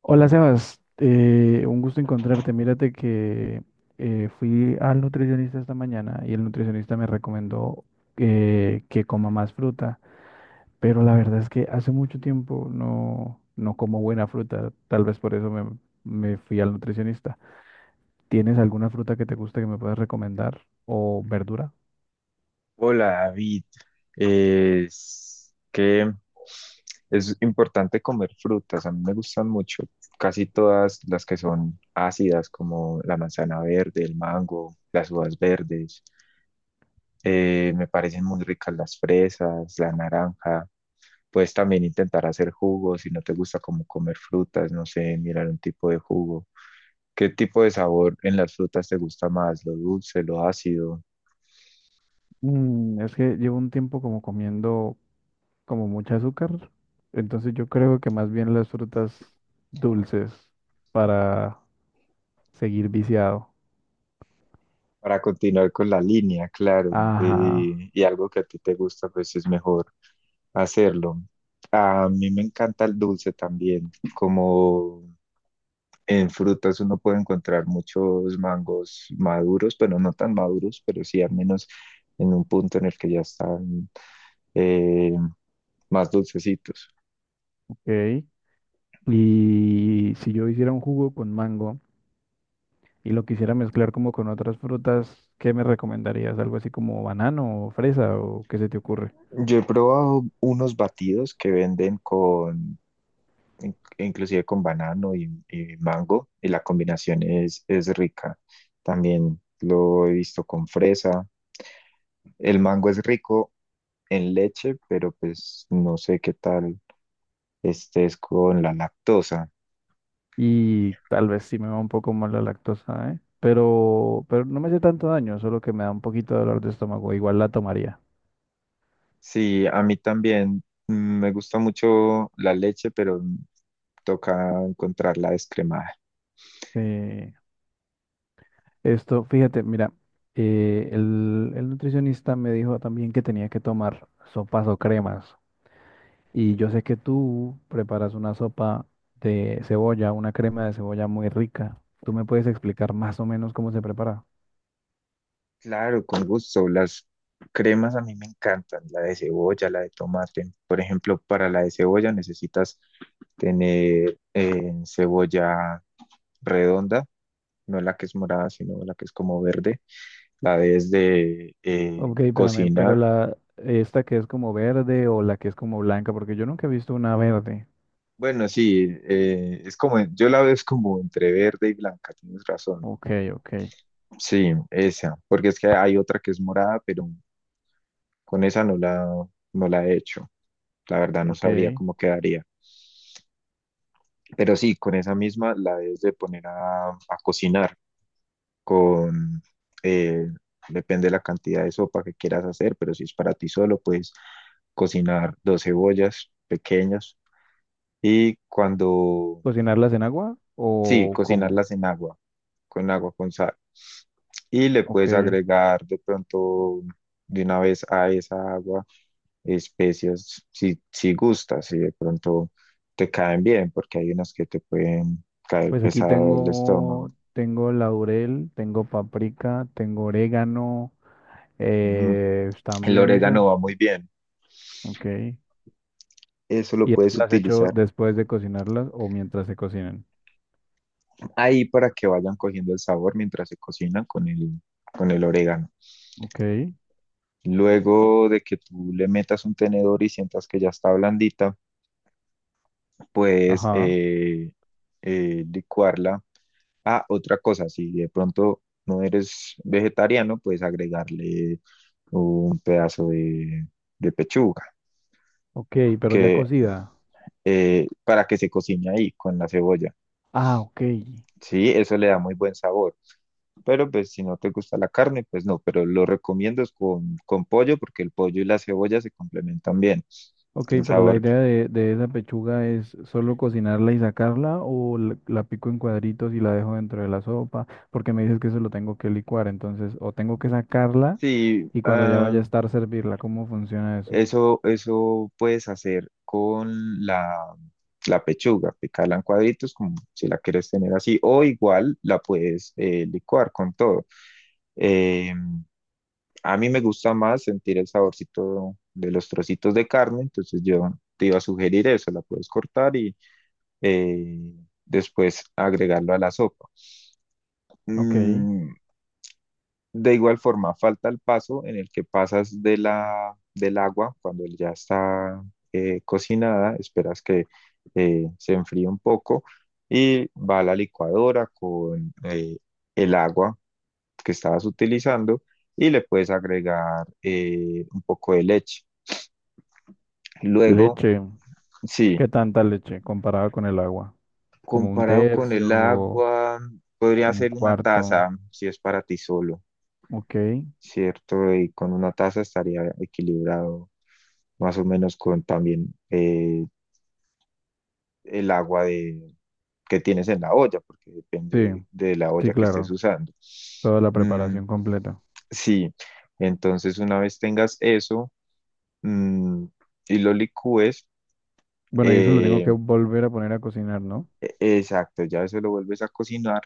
Hola Sebas, un gusto encontrarte. Mírate que fui al nutricionista esta mañana y el nutricionista me recomendó que coma más fruta, pero la verdad es que hace mucho tiempo no como buena fruta, tal vez por eso me fui al nutricionista. ¿Tienes alguna fruta que te guste que me puedas recomendar o verdura? Hola David, es que es importante comer frutas, a mí me gustan mucho, casi todas las que son ácidas como la manzana verde, el mango, las uvas verdes. Me parecen muy ricas las fresas, la naranja. Puedes también intentar hacer jugos si no te gusta como comer frutas, no sé, mirar un tipo de jugo. ¿Qué tipo de sabor en las frutas te gusta más? ¿Lo dulce, lo ácido? Es que llevo un tiempo como comiendo como mucha azúcar, entonces yo creo que más bien las frutas dulces para seguir viciado. Para continuar con la línea, claro, Ajá, y algo que a ti te gusta, pues es mejor hacerlo. A mí me encanta el dulce también, como en frutas uno puede encontrar muchos mangos maduros, pero no tan maduros, pero sí al menos en un punto en el que ya están eh, más dulcecitos. ok. Y si yo hiciera un jugo con mango y lo quisiera mezclar como con otras frutas, ¿qué me recomendarías? ¿Algo así como banano o fresa o qué se te ocurre? Yo he probado unos batidos que venden con inclusive con banano y mango, y la combinación es rica. También lo he visto con fresa. El mango es rico en leche, pero pues no sé qué tal estés con la lactosa. Y tal vez sí me va un poco mal la lactosa, ¿eh? Pero no me hace tanto daño, solo que me da un poquito de dolor de estómago. Igual la tomaría. Sí, a mí también, me gusta mucho la leche, pero toca encontrarla descremada. Eh, Esto, fíjate, mira, el nutricionista me dijo también que tenía que tomar sopas o cremas. Y yo sé que tú preparas una sopa de cebolla, una crema de cebolla muy rica. ¿Tú me puedes explicar más o menos cómo se prepara? Claro, con gusto. Las cremas a mí me encantan, la de cebolla, la de tomate. Por ejemplo, para la de cebolla necesitas tener cebolla redonda, no la que es morada, sino la que es como verde, la debes de Ok, espérame, pero cocinar. la esta que es como verde o la que es como blanca, porque yo nunca he visto una verde. Bueno, sí, es como, yo la veo es como entre verde y blanca, tienes razón. Ok, ok, Sí, esa, porque es que hay otra que es morada, pero con esa no la, no la he hecho. La verdad no ok. sabría cómo quedaría. Pero sí, con esa misma la debes de poner a cocinar. con, eh, Depende de la cantidad de sopa que quieras hacer, pero si es para ti solo, puedes cocinar dos cebollas pequeñas y cuando... ¿Cocinarlas en agua Sí, o cómo? cocinarlas en agua con sal. Y le puedes Ok, agregar de pronto de una vez a esa agua especias si gustas, si de pronto te caen bien, porque hay unas que te pueden caer pues aquí pesado el tengo, estómago. tengo laurel, tengo paprika, tengo orégano, Mm, El también esas. orégano va muy bien. Ok. Eso lo ¿Y esas puedes las echo utilizar después de cocinarlas o mientras se cocinan? ahí para que vayan cogiendo el sabor mientras se cocinan con el orégano. Ok, Luego de que tú le metas un tenedor y sientas que ya está blandita, puedes ajá, licuarla. Ah, otra cosa, si de pronto no eres vegetariano, puedes agregarle un pedazo de pechuga ok, pero ya que, cocida. Para que se cocine ahí con la cebolla. Ah, ok. Sí, eso le da muy buen sabor. Pero pues si no te gusta la carne, pues no, pero lo recomiendo es con pollo porque el pollo y la cebolla se complementan bien. Ok, El pero la sabor. idea de esa pechuga es solo cocinarla y sacarla o la pico en cuadritos y la dejo dentro de la sopa, porque me dices que eso lo tengo que licuar, entonces o tengo que sacarla Sí, y cuando ya ah, vaya a estar servirla, ¿cómo funciona eso? Eso puedes hacer con la pechuga, picarla en cuadritos como si la quieres tener así, o igual la puedes licuar con todo. Eh, a mí me gusta más sentir el saborcito de los trocitos de carne, entonces yo te iba a sugerir eso, la puedes cortar y eh, después agregarlo a la sopa. Ok, Mm, de igual forma, falta el paso en el que pasas de del agua cuando ya está cocinada, esperas que se enfríe un poco y va a la licuadora con el agua que estabas utilizando y le puedes agregar un poco de leche. Luego, leche. sí, ¿Qué tanta leche comparada con el agua? Como un comparado con el tercio, agua, podría un ser una cuarto. taza si es para ti solo. Ok. ¿Cierto? Y con una taza estaría equilibrado más o menos con también el agua de, que tienes en la olla, porque Sí, depende de la sí, olla que estés claro, usando. toda la Mm, preparación completa. sí, entonces una vez tengas eso, mm, y lo licúes, Bueno, y eso lo tengo eh, que volver a poner a cocinar, ¿no? Exacto, ya eso lo vuelves a cocinar,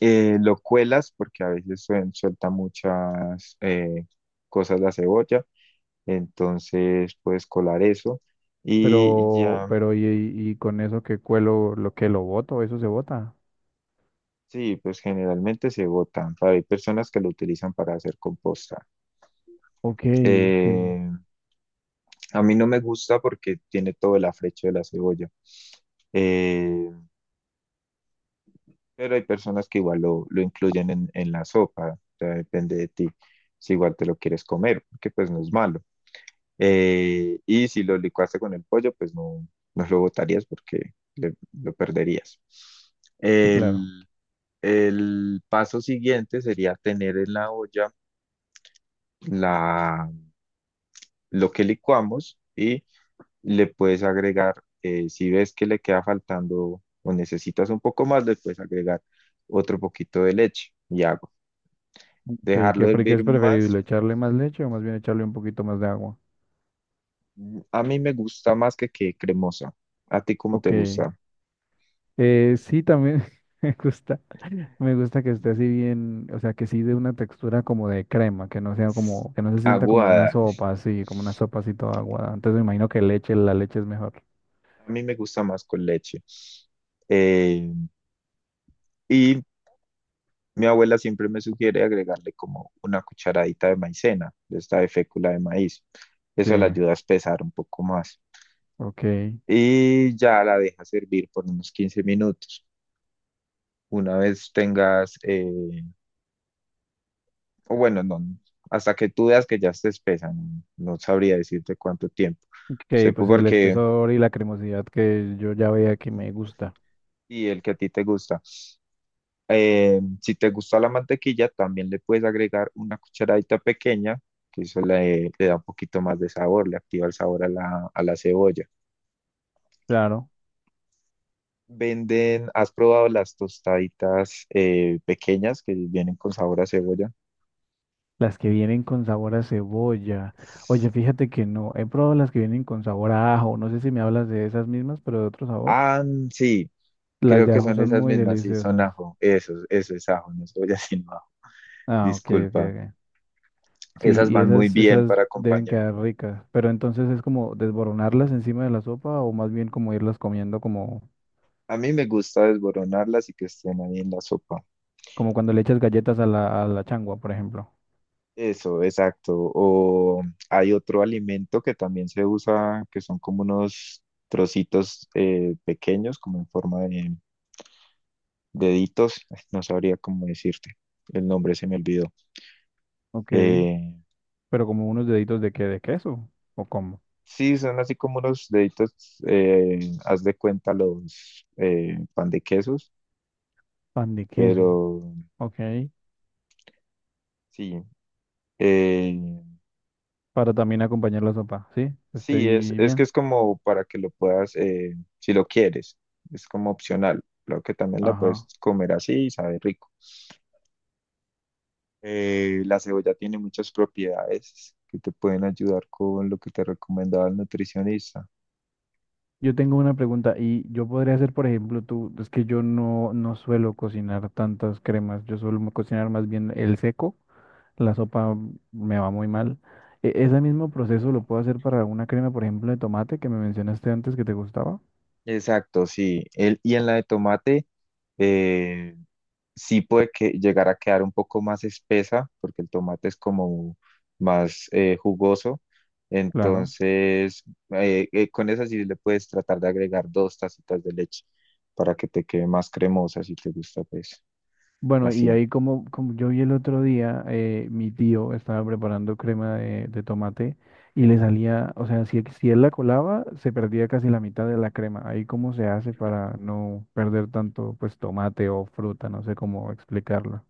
lo cuelas porque a veces suelta muchas cosas la cebolla. Entonces puedes colar eso y Pero, ya. pero, y, y con eso que cuelo, lo que lo boto, eso se bota. Sí, pues generalmente se botan. Hay personas que lo utilizan para hacer composta. Ok, ok, Eh, a mí no me gusta porque tiene todo el afrecho de la cebolla. Eh, pero hay personas que igual lo incluyen en la sopa, o sea, depende de ti si igual te lo quieres comer, porque pues no es malo. Y si lo licuaste con el pollo, pues no, no lo botarías porque lo perderías. sí, claro. El, El paso siguiente sería tener en la olla la, lo que licuamos y le puedes agregar, si ves que le queda faltando o necesitas un poco más, le puedes agregar otro poquito de leche y agua. Ok, ¿qué, Dejarlo pre- qué hervir es más. preferible? ¿Echarle más leche o más bien echarle un poquito más de agua? A mí me gusta más que quede cremosa. ¿A ti cómo te Ok, gusta? Sí, también me gusta, me gusta que esté así bien, o sea, que sí de una textura como de crema, que no sea S- como, que no se sienta como una Aguada. sopa así, como una sopa así toda aguada. Entonces me imagino que leche, la leche es mejor. A mí me gusta más con leche. Eh, y Mi abuela siempre me sugiere agregarle como una cucharadita de maicena, de esta de fécula de maíz. Sí, Eso la ayuda a espesar un poco más. ok. Y ya la deja servir por unos 15 minutos. Una vez tengas, o bueno, no, hasta que tú veas que ya esté espesa, no, no sabría decirte cuánto tiempo. Sé Que pues el porque, espesor y la cremosidad que yo ya veía que me gusta. y el que a ti te gusta. Si te gusta la mantequilla, también le puedes agregar una cucharadita pequeña, que eso le da un poquito más de sabor, le activa el sabor a a la cebolla. Claro, Venden, ¿has probado las tostaditas pequeñas que vienen con sabor a cebolla? las que vienen con sabor a cebolla. Oye, fíjate que no, he probado las que vienen con sabor a ajo. No sé si me hablas de esas mismas, pero de otro sabor. Ah, sí, Las creo de que ajo son son esas muy mismas, sí, son deliciosas. ajo, eso es ajo, no cebolla sino ajo, Ah, ok, ok, disculpa. ok. Sí, Esas y van muy esas, bien esas para deben acompañar. quedar ricas. Pero entonces es como desboronarlas encima de la sopa o más bien como irlas comiendo como, A mí me gusta desboronarlas y que estén ahí en la sopa. como cuando le echas galletas a a la changua, por ejemplo. Eso, exacto. O hay otro alimento que también se usa, que son como unos trocitos pequeños, como en forma de deditos. No sabría cómo decirte. El nombre se me olvidó. Ok. Eh, Pero como unos deditos de qué, de queso, o como sí, son así como unos deditos, eh, haz de cuenta los pan de quesos, pan de queso, pero ok, sí. eh, para también acompañar la sopa, ¿sí? Sí, Estoy es que bien, es como para que lo puedas, si lo quieres, es como opcional. Claro que también la puedes ajá. comer así y sabe rico. La cebolla tiene muchas propiedades que te pueden ayudar con lo que te recomendaba el nutricionista. Yo tengo una pregunta y yo podría hacer, por ejemplo, tú, es que yo no suelo cocinar tantas cremas, yo suelo mo- cocinar más bien el seco, la sopa me va muy mal. E- ese mismo proceso lo puedo hacer para una crema, por ejemplo, de tomate que me mencionaste antes que te gustaba, Exacto, sí. Y en la de tomate, eh, sí puede que llegar a quedar un poco más espesa, porque el tomate es como más jugoso. claro. Entonces, con esa sí le puedes tratar de agregar dos tacitas de leche para que te quede más cremosa si te gusta, pues Bueno, y así. ahí como, como yo vi el otro día, mi tío estaba preparando crema de tomate y le salía, o sea, si él la colaba, se perdía casi la mitad de la crema. Ahí cómo se hace para no perder tanto, pues, tomate o fruta, no sé cómo explicarlo.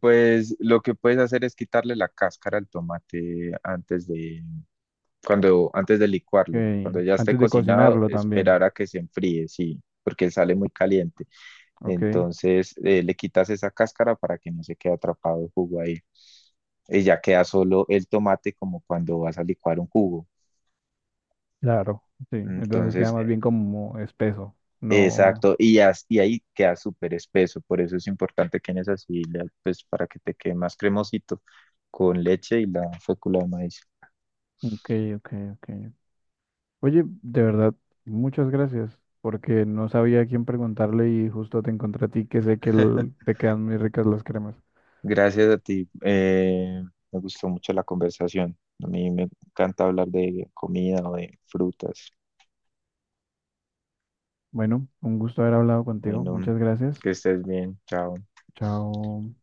Pues lo que puedes hacer es quitarle la cáscara al tomate antes de, cuando, antes de licuarlo. Cuando Ok, ya esté antes de cocinado, cocinarlo también, esperar a que se enfríe, sí, porque sale muy caliente. ¿ok? Entonces le quitas esa cáscara para que no se quede atrapado el jugo ahí. Y ya queda solo el tomate como cuando vas a licuar un jugo. Claro. Sí, entonces Entonces, queda más bien como espeso. No, exacto, y ahí queda súper espeso, por eso es importante que en esa sí, pues para que te quede más cremosito, con leche y la fécula de maíz. ok, ok, ok. Oye, de verdad, muchas gracias, porque no sabía a quién preguntarle y justo te encontré a ti, que sé que el- te quedan muy ricas las cremas. Gracias a ti, me gustó mucho la conversación, a mí me encanta hablar de comida o de frutas. Bueno, un gusto haber hablado contigo. Bueno, Muchas gracias. que estés bien, chao. Chao.